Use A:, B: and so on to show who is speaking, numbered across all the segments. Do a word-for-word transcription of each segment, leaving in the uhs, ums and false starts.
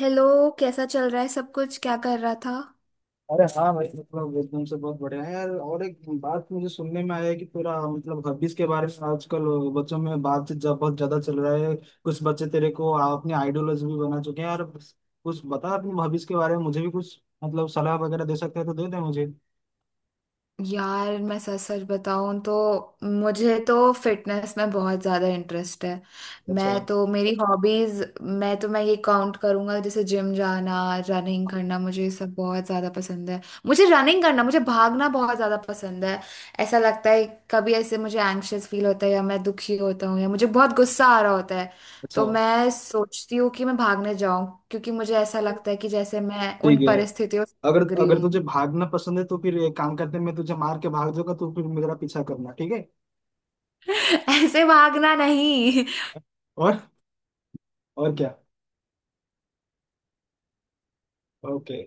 A: Hello. कैसा चल रहा है सब कुछ, क्या कर रहा था?
B: अरे, हाँ भाई, मतलब एकदम से बहुत बढ़िया है यार। और एक बात मुझे सुनने में आया है कि पूरा, मतलब, हॉबीज के बारे में आजकल बच्चों में बात जब बहुत ज्यादा चल रहा है। कुछ बच्चे तेरे को अपने आइडियोलॉजी भी बना चुके हैं यार। कुछ बता अपने हॉबीज के बारे में मुझे भी कुछ, मतलब, सलाह वगैरह दे सकते हैं तो दे दे मुझे।
A: यार मैं सच सच बताऊं तो मुझे तो फिटनेस में बहुत ज्यादा इंटरेस्ट है। मैं
B: अच्छा।
A: तो मेरी हॉबीज मैं तो मैं ये काउंट करूंगा जैसे जिम जाना, रनिंग करना, मुझे ये सब बहुत ज्यादा पसंद है। मुझे रनिंग करना, मुझे भागना बहुत ज्यादा पसंद है। ऐसा लगता है कभी ऐसे मुझे एंग्शियस फील होता है या मैं दुखी होता हूँ या मुझे बहुत गुस्सा आ रहा होता है
B: अच्छा।
A: तो मैं सोचती हूँ कि मैं भागने जाऊं, क्योंकि मुझे ऐसा लगता है कि जैसे मैं उन
B: ठीक है।
A: परिस्थितियों से
B: अगर
A: भाग रही
B: अगर
A: हूँ।
B: तुझे भागना पसंद है तो फिर एक काम करते हैं, मैं तुझे मार के भाग जाऊंगा, तो फिर मेरा पीछा करना, ठीक है।
A: ऐसे भागना नहीं।
B: और और क्या। ओके,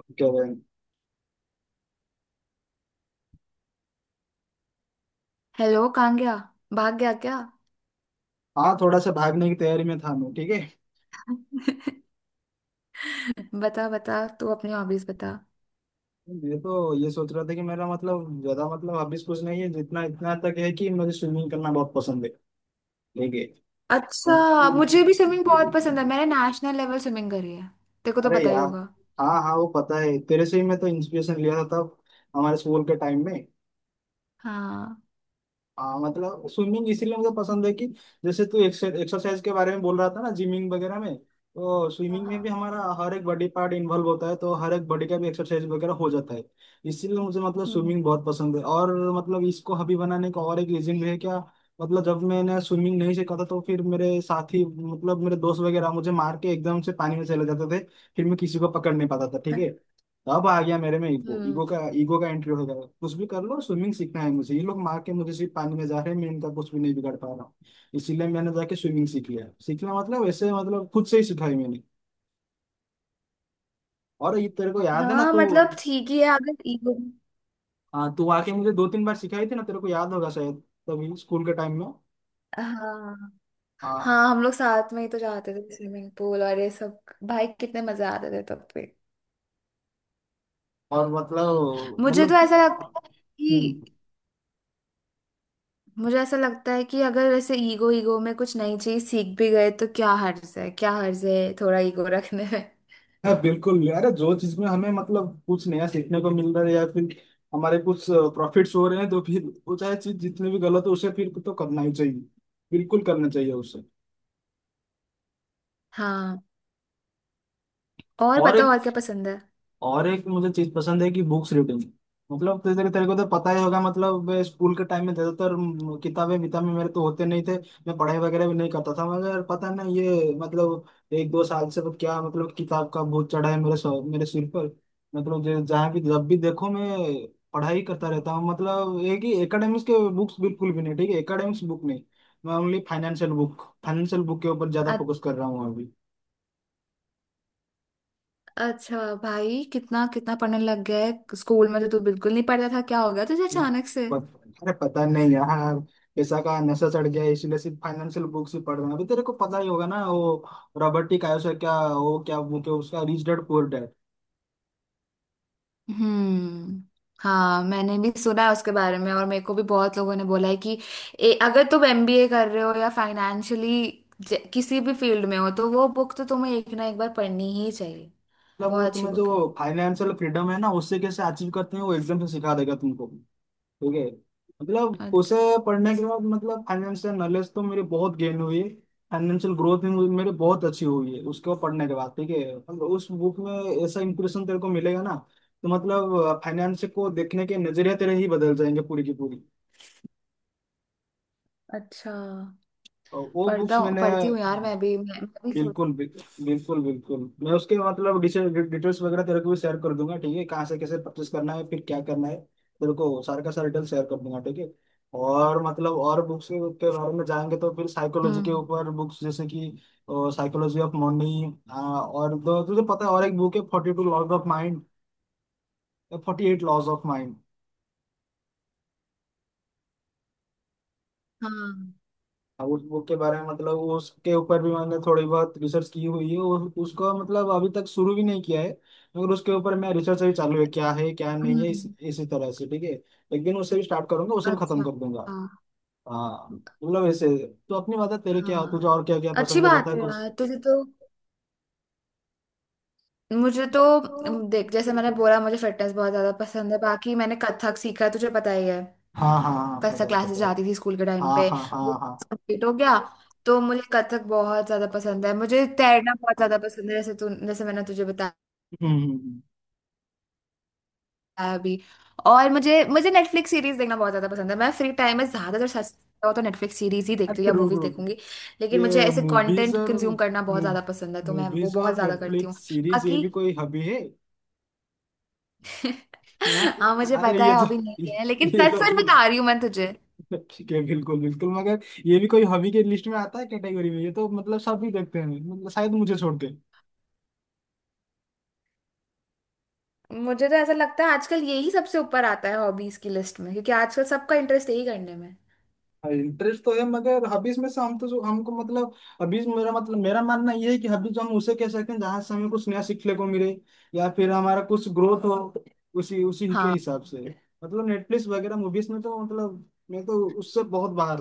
B: ओके भाई।
A: हेलो, कहाँ गया? भाग गया क्या?
B: हाँ, थोड़ा सा भागने की तैयारी में था मैं, ठीक है।
A: बता बता, तू अपनी हॉबीज बता।
B: ये तो ये सोच रहा था कि मेरा, मतलब, ज्यादा, मतलब, हॉबीज कुछ नहीं है, जितना इतना तक है कि मुझे स्विमिंग करना बहुत पसंद है। ठीक है।
A: अच्छा, मुझे भी स्विमिंग बहुत पसंद है। मैंने नेशनल लेवल स्विमिंग करी है, तेरे को तो
B: अरे
A: पता ही
B: यार,
A: होगा।
B: हाँ हाँ, वो पता है, तेरे से ही मैं तो इंस्पिरेशन लिया था तब हमारे स्कूल के टाइम में।
A: हाँ,
B: हाँ, मतलब, स्विमिंग इसीलिए मुझे पसंद है कि, जैसे तू एक्सरसाइज के बारे में बोल रहा था ना जिमिंग वगैरह में, तो
A: हाँ,
B: स्विमिंग
A: हाँ।
B: में भी हमारा हर एक बॉडी पार्ट इन्वॉल्व होता है, तो हर एक बॉडी का भी एक्सरसाइज वगैरह हो जाता है। इसीलिए मुझे, मतलब,
A: हम्म।
B: स्विमिंग बहुत पसंद है। और, मतलब, इसको हॉबी बनाने का और एक रीजन भी है क्या। मतलब, जब मैंने स्विमिंग नहीं सीखा था तो फिर मेरे साथी, मतलब मेरे दोस्त वगैरह, मुझे मार के एकदम से पानी में चले जाते थे। फिर मैं किसी को पकड़ नहीं पाता था, ठीक है। अब आ गया मेरे में ईगो,
A: हम्म।
B: ईगो का ईगो का एंट्री हो गया। कुछ भी कर लो, स्विमिंग सीखना है मुझे, ये लोग मार के मुझे सिर्फ पानी में जा रहे हैं, मैं इनका कुछ भी नहीं बिगाड़ पा रहा हूँ। इसीलिए मैंने जाके स्विमिंग सीख लिया। सीखना मतलब वैसे, मतलब, खुद से ही सिखाई मैंने। और ये तेरे को याद है ना
A: हाँ,
B: तू।
A: मतलब ठीक ही है अगर ईगो।
B: हाँ, तू आके मुझे दो तीन बार सिखाई थी ना, तेरे को याद होगा शायद तभी स्कूल के टाइम में।
A: हाँ,
B: हाँ।
A: हाँ हम लोग साथ में ही तो जाते थे स्विमिंग पूल और ये सब। भाई कितने मजा आते थे तब पे।
B: और मतलब
A: मुझे तो ऐसा
B: मतलब
A: लगता है कि
B: हम्म।
A: मुझे ऐसा लगता है कि अगर ऐसे ईगो ईगो में कुछ नई चीज सीख भी गए तो क्या हर्ज है, क्या हर्ज है थोड़ा ईगो रखने में।
B: हाँ, बिल्कुल। अरे, जो चीज में हमें, मतलब, कुछ नया सीखने को मिल रहा है या फिर हमारे कुछ प्रॉफिट्स हो रहे हैं तो फिर वो चाहे चीज जितनी भी गलत हो, उसे फिर तो करना ही चाहिए। बिल्कुल करना चाहिए उसे।
A: हाँ, और
B: और
A: बताओ और
B: एक
A: क्या पसंद है?
B: और एक मुझे चीज पसंद है कि बुक्स रीडिंग। मतलब, तेरे तेरे तेरे को तो पता ही होगा। मतलब, मैं स्कूल के टाइम में ज्यादातर म, किताबें विताबें मेरे तो होते नहीं थे। मैं पढ़ाई वगैरह भी नहीं करता था, मगर पता ना, ये मतलब एक दो साल से क्या, मतलब, किताब का बोझ चढ़ा है मेरे सर- मेरे सिर पर। मतलब जो- जहाँ भी जब भी देखो मैं पढ़ाई करता रहता हूँ। मतलब एक ही एकेडमिक्स के बुक्स बिल्कुल भी नहीं, ठीक है, एकेडमिक्स बुक नहीं। मैं only financial book financial book के ऊपर ज्यादा
A: अ-
B: फोकस कर रहा हूँ अभी।
A: अच्छा, भाई कितना कितना पढ़ने लग गया है! स्कूल में तो तू बिल्कुल नहीं पढ़ता था, क्या हो गया तुझे अचानक से?
B: पत- अरे, पता नहीं यार, पैसा का नशा चढ़ गया है, इसलिए सिर्फ फाइनेंशियल बुक्स ही पढ़ रहे हैं अभी। तेरे को पता ही होगा ना, वो रॉबर्ट टी कायोसा, क्या वो क्या बुक है उसका, रिच डैड पुअर डैड।
A: हम्म। हाँ, मैंने भी सुना है उसके बारे में, और मेरे को भी बहुत लोगों ने बोला है कि ए, अगर तुम एमबीए कर रहे हो या फाइनेंशियली किसी भी फील्ड में हो तो वो बुक तो तुम्हें एक ना एक बार पढ़नी ही चाहिए।
B: मतलब, वो
A: बहुत अच्छी
B: तुम्हें
A: बुक
B: जो फाइनेंशियल फ्रीडम है ना, उससे कैसे अचीव करते हैं वो एग्जाम से सिखा देगा तुमको, ठीक है। मतलब
A: है।
B: उसे पढ़ने के बाद, मतलब, फाइनेंशियल नॉलेज तो मेरी बहुत गेन हुई है। फाइनेंशियल ग्रोथ भी मुझे- मेरी बहुत अच्छी हुई है उसको पढ़ने के बाद, ठीक है। मतलब उस बुक में ऐसा इंप्रेशन तेरे को मिलेगा ना, तो मतलब फाइनेंस को देखने के नजरिया तेरे ही बदल जाएंगे पूरी की पूरी।
A: अच्छा,
B: और वो
A: पढ़ता
B: बुक्स
A: हूँ
B: मैंने
A: पढ़ती हूँ यार, मैं भी मैं, मैं भी सोच।
B: बिल्कुल, बिल- बिल्कुल बिल्कुल मैं उसके मतलब डिटेल- डिटेल्स वगैरह तेरे को भी शेयर कर दूंगा, ठीक है। कहाँ से कैसे परचेस करना है फिर क्या करना है, तेरे को सारे का सारा डिटेल शेयर कर दूंगा, ठीक है। और मतलब और बुक्स के बारे में जाएंगे तो फिर साइकोलॉजी के
A: हम्म।
B: ऊपर बुक्स जैसे कि साइकोलॉजी ऑफ मनी। और दो तुझे पता है और एक बुक है forty two laws of mind, forty eight laws of.
A: हाँ।
B: हाँ, उस बुक के बारे में, मतलब, उसके ऊपर भी मैंने थोड़ी बहुत रिसर्च की हुई है और उसको मतलब अभी तक शुरू भी नहीं किया है, मगर उसके ऊपर मैं रिसर्च अभी चालू है क्या है क्या नहीं है, इस,
A: हम्म।
B: इसी तरह से, ठीक है। एक दिन उससे भी स्टार्ट करूंगा, उसे भी खत्म
A: अच्छा।
B: कर दूंगा।
A: हाँ।
B: हाँ,
A: अच्छा।
B: मतलब ऐसे, तो अपनी बता तेरे, क्या
A: हाँ,
B: तुझे और क्या क्या
A: अच्छी
B: पसंद है
A: बात
B: बता
A: है
B: कुछ।
A: यार, तुझे तो। मुझे तो अम, देख जैसे मैंने बोला मुझे फिटनेस बहुत ज्यादा पसंद है, बाकी मैंने कथक सीखा है तुझे पता ही है।
B: हाँ हाँ हाँ,
A: कथक
B: पता है,
A: क्लासेस
B: पता है।
A: जाती थी स्कूल के टाइम
B: हाँ
A: पे,
B: हाँ हाँ
A: वो
B: हाँ।
A: कंप्लीट हो गया। तो मुझे कथक बहुत ज्यादा पसंद है, मुझे तैरना बहुत ज्यादा पसंद है जैसे तू, जैसे मैंने तुझे बताया
B: हम्म हम्म, हम्म।
A: अभी। और मुझे मुझे नेटफ्लिक्स सीरीज देखना बहुत ज्यादा पसंद है। मैं फ्री टाइम में ज्यादातर सच हो तो नेटफ्लिक्स सीरीज ही देखती हूँ
B: अच्छा,
A: या
B: रुक
A: मूवीज
B: रुक।
A: देखूंगी। लेकिन मुझे
B: ये
A: ऐसे
B: मूवीज
A: कंटेंट
B: और
A: कंज्यूम करना बहुत ज्यादा पसंद है तो मैं वो
B: मूवीज
A: बहुत
B: और
A: ज्यादा करती हूँ
B: नेटफ्लिक्स सीरीज, ये
A: बाकी।
B: भी कोई हॉबी है। हाँ।
A: हाँ, मुझे
B: अरे
A: पता
B: ये
A: है
B: तो
A: हॉबी
B: ये,
A: नहीं है, लेकिन
B: ये
A: सच
B: तो
A: सच
B: ये
A: बता रही हूँ मैं तुझे।
B: ठीक है, बिल्कुल बिल्कुल, मगर ये भी कोई हॉबी के लिस्ट में आता है कैटेगरी में, ये तो मतलब सभी देखते हैं, मतलब शायद मुझे छोड़ के।
A: मुझे तो ऐसा लगता है आजकल यही सबसे ऊपर आता है हॉबीज की लिस्ट में, क्योंकि आजकल सबका इंटरेस्ट यही करने में।
B: इंटरेस्ट तो है, मगर हॉबीज में से हम तो जो हमको, मतलब, हॉबीज मेरा मतलब मेरा मानना ये है कि हॉबीज हम उसे कह सकते हैं जहाँ से हमें कुछ नया सीखने को मिले या फिर हमारा कुछ ग्रोथ हो, उसी उसी के
A: हाँ,
B: हिसाब से। मतलब नेटफ्लिक्स वगैरह मूवीज में तो मतलब मैं तो उससे बहुत बाहर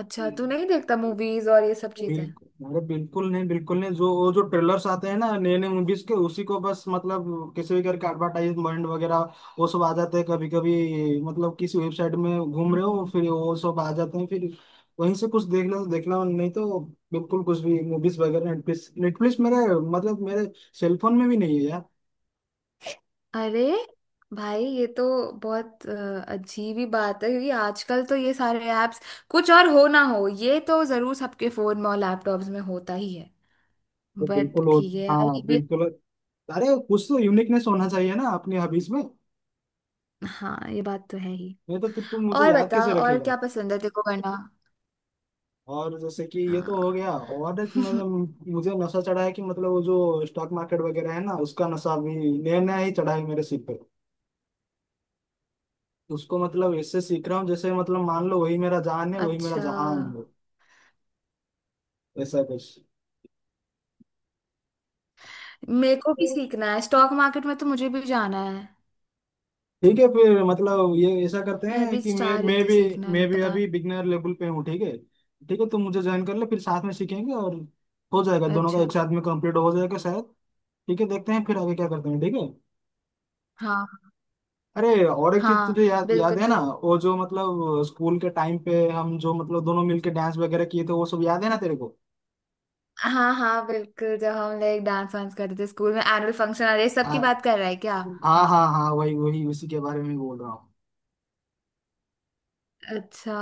A: अच्छा
B: हूँ,
A: तू नहीं देखता मूवीज और ये सब
B: बिल्कुल। अरे, बिल्कुल नहीं, बिल्कुल नहीं। जो वो जो ट्रेलर्स आते हैं ना नए नए मूवीज के, उसी को बस, मतलब, किसी भी करके एडवर्टाइजमेंट वगैरह, वो सब आ जाते हैं कभी कभी, मतलब किसी वेबसाइट में घूम रहे हो
A: चीजें?
B: फिर वो सब आ जाते हैं। फिर वहीं से कुछ देखना तो देखना, नहीं तो बिल्कुल कुछ भी मूवीज वगैरह। नेटफ्लिक्स नेटफ्लिक्स मेरे मतलब मेरे सेलफोन में भी नहीं है यार।
A: अरे भाई ये तो बहुत अ, अजीब ही बात है, क्योंकि आजकल तो ये सारे ऐप्स कुछ और हो ना हो ये तो जरूर सबके फोन में और लैपटॉप्स में होता ही है।
B: वो
A: बट
B: बिल्कुल हो।
A: ठीक है यार,
B: हाँ,
A: ये भी।
B: बिल्कुल। अरे, कुछ तो यूनिकनेस होना चाहिए ना अपनी हॉबीज में,
A: हाँ ये बात तो है ही।
B: नहीं तो फिर तुम मुझे
A: और
B: याद
A: बता
B: कैसे
A: और
B: रखेगा।
A: क्या पसंद है तेरे को करना?
B: और जैसे कि ये तो हो
A: हाँ।
B: गया, और एक मतलब मुझे नशा चढ़ा है कि, मतलब, वो जो स्टॉक मार्केट वगैरह है ना, उसका नशा अभी नया नया ही चढ़ा है मेरे सिर पे। उसको मतलब इससे सीख रहा हूँ, जैसे मतलब मान लो वही मेरा जान है वही मेरा
A: अच्छा,
B: जहान है, ऐसा कुछ।
A: मेरे को भी सीखना है स्टॉक मार्केट में तो मुझे भी जाना है।
B: ठीक है, फिर मतलब ये ऐसा करते
A: मैं
B: हैं
A: भी
B: कि मैं
A: चाह रही
B: मैं
A: थी
B: भी,
A: सीखना,
B: मैं भी
A: पता।
B: अभी बिगनर लेवल पे हूँ, ठीक है। ठीक है, तुम मुझे ज्वाइन कर लो, फिर साथ में सीखेंगे और हो जाएगा, दोनों का
A: अच्छा।
B: एक साथ में कंप्लीट हो जाएगा शायद। ठीक है, देखते हैं फिर आगे क्या करते हैं, ठीक है।
A: हाँ,
B: अरे, और एक चीज
A: हाँ
B: तुझे याद,
A: बिल्कुल।
B: याद है ना वो जो, मतलब, स्कूल के टाइम पे हम जो, मतलब, दोनों मिलके डांस वगैरह किए थे, वो सब याद है ना तेरे को।
A: हाँ हाँ बिल्कुल, जब हम लोग डांस वांस करते थे स्कूल में, एनुअल फंक्शन और ये सब की
B: हाँ
A: बात कर रहा है क्या?
B: हाँ हाँ हाँ, वही वही, उसी के बारे में बोल रहा हूँ।
A: अच्छा।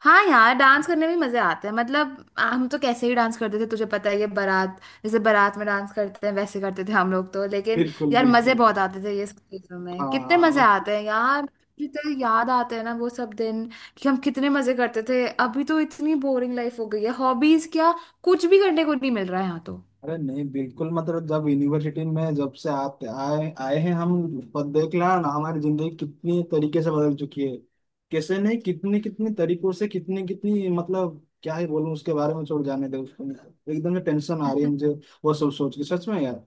A: हाँ यार, डांस करने में मजे आते हैं। मतलब हम तो कैसे ही डांस करते थे तुझे पता ही है, बारात जैसे, बारात में डांस करते हैं वैसे करते थे हम लोग तो। लेकिन
B: बिल्कुल
A: यार मजे
B: बिल्कुल।
A: बहुत आते थे ये सब चीजों में, कितने
B: हाँ
A: मजे
B: मत
A: आते हैं यार। जितने याद आते हैं ना वो सब दिन, कि हम कितने मजे करते थे। अभी तो इतनी बोरिंग लाइफ हो गई है, हॉबीज क्या कुछ भी करने को नहीं मिल रहा है यहाँ
B: अरे नहीं, बिल्कुल, मतलब, जब यूनिवर्सिटी में, जब से आते आए आए हैं हम, पर देख ला ना हमारी जिंदगी कितनी तरीके से बदल चुकी है, कैसे नहीं, कितने कितने तरीकों से, कितनी कितनी मतलब क्या ही बोलूं उसके बारे में, छोड़ जाने दे उसको, एकदम से टेंशन आ रही है
A: तो।
B: मुझे वो सब सोच के, सच में यार।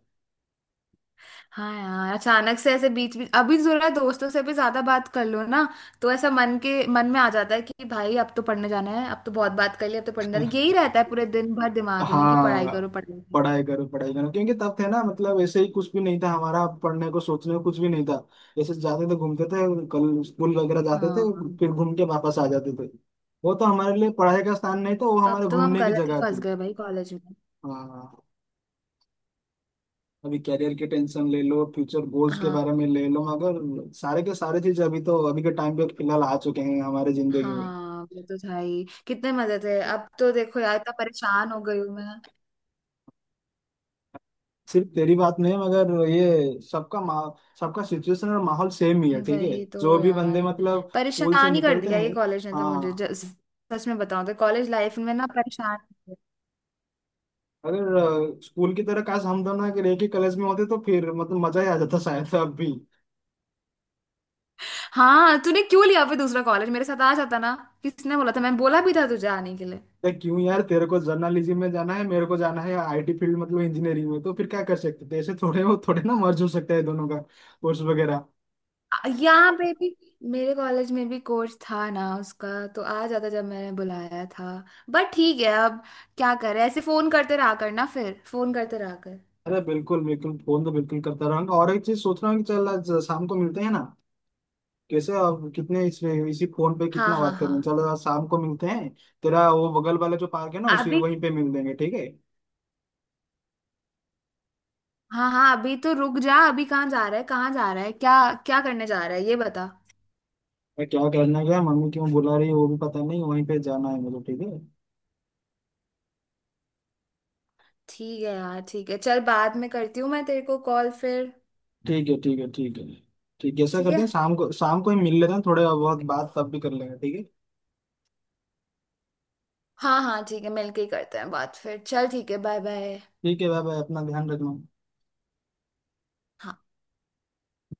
A: हाँ यार, अचानक से ऐसे बीच बीच अभी जरा दोस्तों से भी ज्यादा बात कर लो ना तो ऐसा मन के मन में आ जाता है कि भाई अब तो पढ़ने जाना है, अब तो बहुत बात कर ली अब तो पढ़ने जाना है, यही रहता है पूरे दिन भर दिमाग में कि पढ़ाई
B: हाँ,
A: करो, पढ़ाई करो।
B: पढ़ाई करो पढ़ाई करो, क्योंकि तब थे ना मतलब ऐसे ही कुछ भी नहीं था हमारा, पढ़ने को सोचने को कुछ भी नहीं था। ऐसे जाते थे घूमते थे, कल स्कूल वगैरह जाते थे
A: हाँ,
B: फिर घूम के वापस आ जाते थे। वो तो हमारे लिए पढ़ाई का स्थान नहीं था, वो
A: अब
B: हमारे
A: तो हम
B: घूमने की
A: गलत ही
B: जगह
A: फंस
B: थी।
A: गए भाई कॉलेज में।
B: हाँ, अभी कैरियर की टेंशन ले लो, फ्यूचर गोल्स के
A: हाँ,
B: बारे में ले लो, मगर सारे के सारे चीज अभी तो अभी के टाइम पे फिलहाल आ चुके हैं हमारे जिंदगी में।
A: हाँ वो तो था ही, कितने मजे थे। अब तो देखो यार, इतना परेशान हो गई हूँ मैं।
B: सिर्फ तेरी बात नहीं है, मगर ये सबका मा सबका सिचुएशन और माहौल सेम ही है, ठीक है,
A: वही तो
B: जो भी बंदे
A: यार,
B: मतलब स्कूल से
A: परेशान ही कर
B: निकलते
A: दिया ये
B: हैं।
A: कॉलेज ने तो मुझे।
B: हाँ,
A: ज- सच में बताऊं तो कॉलेज लाइफ में ना परेशान।
B: अगर अ, स्कूल की तरह काश हम दोनों अगर एक ही कॉलेज में होते तो फिर मतलब मजा ही आ जाता शायद अब भी।
A: हाँ, तूने क्यों लिया फिर दूसरा कॉलेज, मेरे साथ आ जाता ना। किसने बोला था? मैंने बोला भी था तुझे आने के लिए।
B: देख, क्यों यार, तेरे को जर्नलिज्म में जाना है, मेरे को जाना है आई टी फील्ड मतलब इंजीनियरिंग में, तो फिर क्या कर सकते थे ऐसे थोड़े, वो थोड़े ना मर्ज हो सकता है दोनों का कोर्स वगैरह।
A: आ- यहाँ पे भी मेरे कॉलेज में भी कोर्स था ना उसका, तो आ जाता जब मैंने बुलाया था। बट ठीक है अब क्या करे, ऐसे फोन करते रहा कर ना, फिर फोन करते रहा कर।
B: अरे बिल्कुल बिल्कुल, फोन तो बिल्कुल करता रहूंगा। और एक चीज सोच रहा हूँ कि चल आज शाम को मिलते हैं ना, कैसे आप कितने इस इसी फोन पे
A: हाँ,
B: कितना
A: हाँ,
B: बात
A: हाँ।
B: करें, चलो आज शाम को मिलते हैं। तेरा वो बगल वाला जो पार्क है ना, उसी
A: अभी?
B: वहीं पे मिल लेंगे, ठीक है।
A: हाँ, हाँ अभी तो रुक जा, अभी कहाँ जा रहा है, कहाँ जा रहा है, क्या, क्या करने जा रहा है ये बता।
B: मैं क्या करना गया, मम्मी क्यों बुला रही है वो भी पता नहीं, वहीं पे जाना है मुझे, ठीक है।
A: ठीक है यार, ठीक है चल, बाद में करती हूँ मैं तेरे को कॉल फिर।
B: ठीक है ठीक है, ठीक है ठीक है, ऐसा करते
A: ठीक
B: हैं शाम को, शाम को ही मिल लेते हैं, थोड़ा बहुत
A: है।
B: बात तब भी कर लेंगे, ठीक है।
A: हाँ, हाँ ठीक है, मिलके ही करते हैं बात फिर, चल ठीक है, बाय बाय।
B: ठीक है, बाय बाय, अपना ध्यान रखना।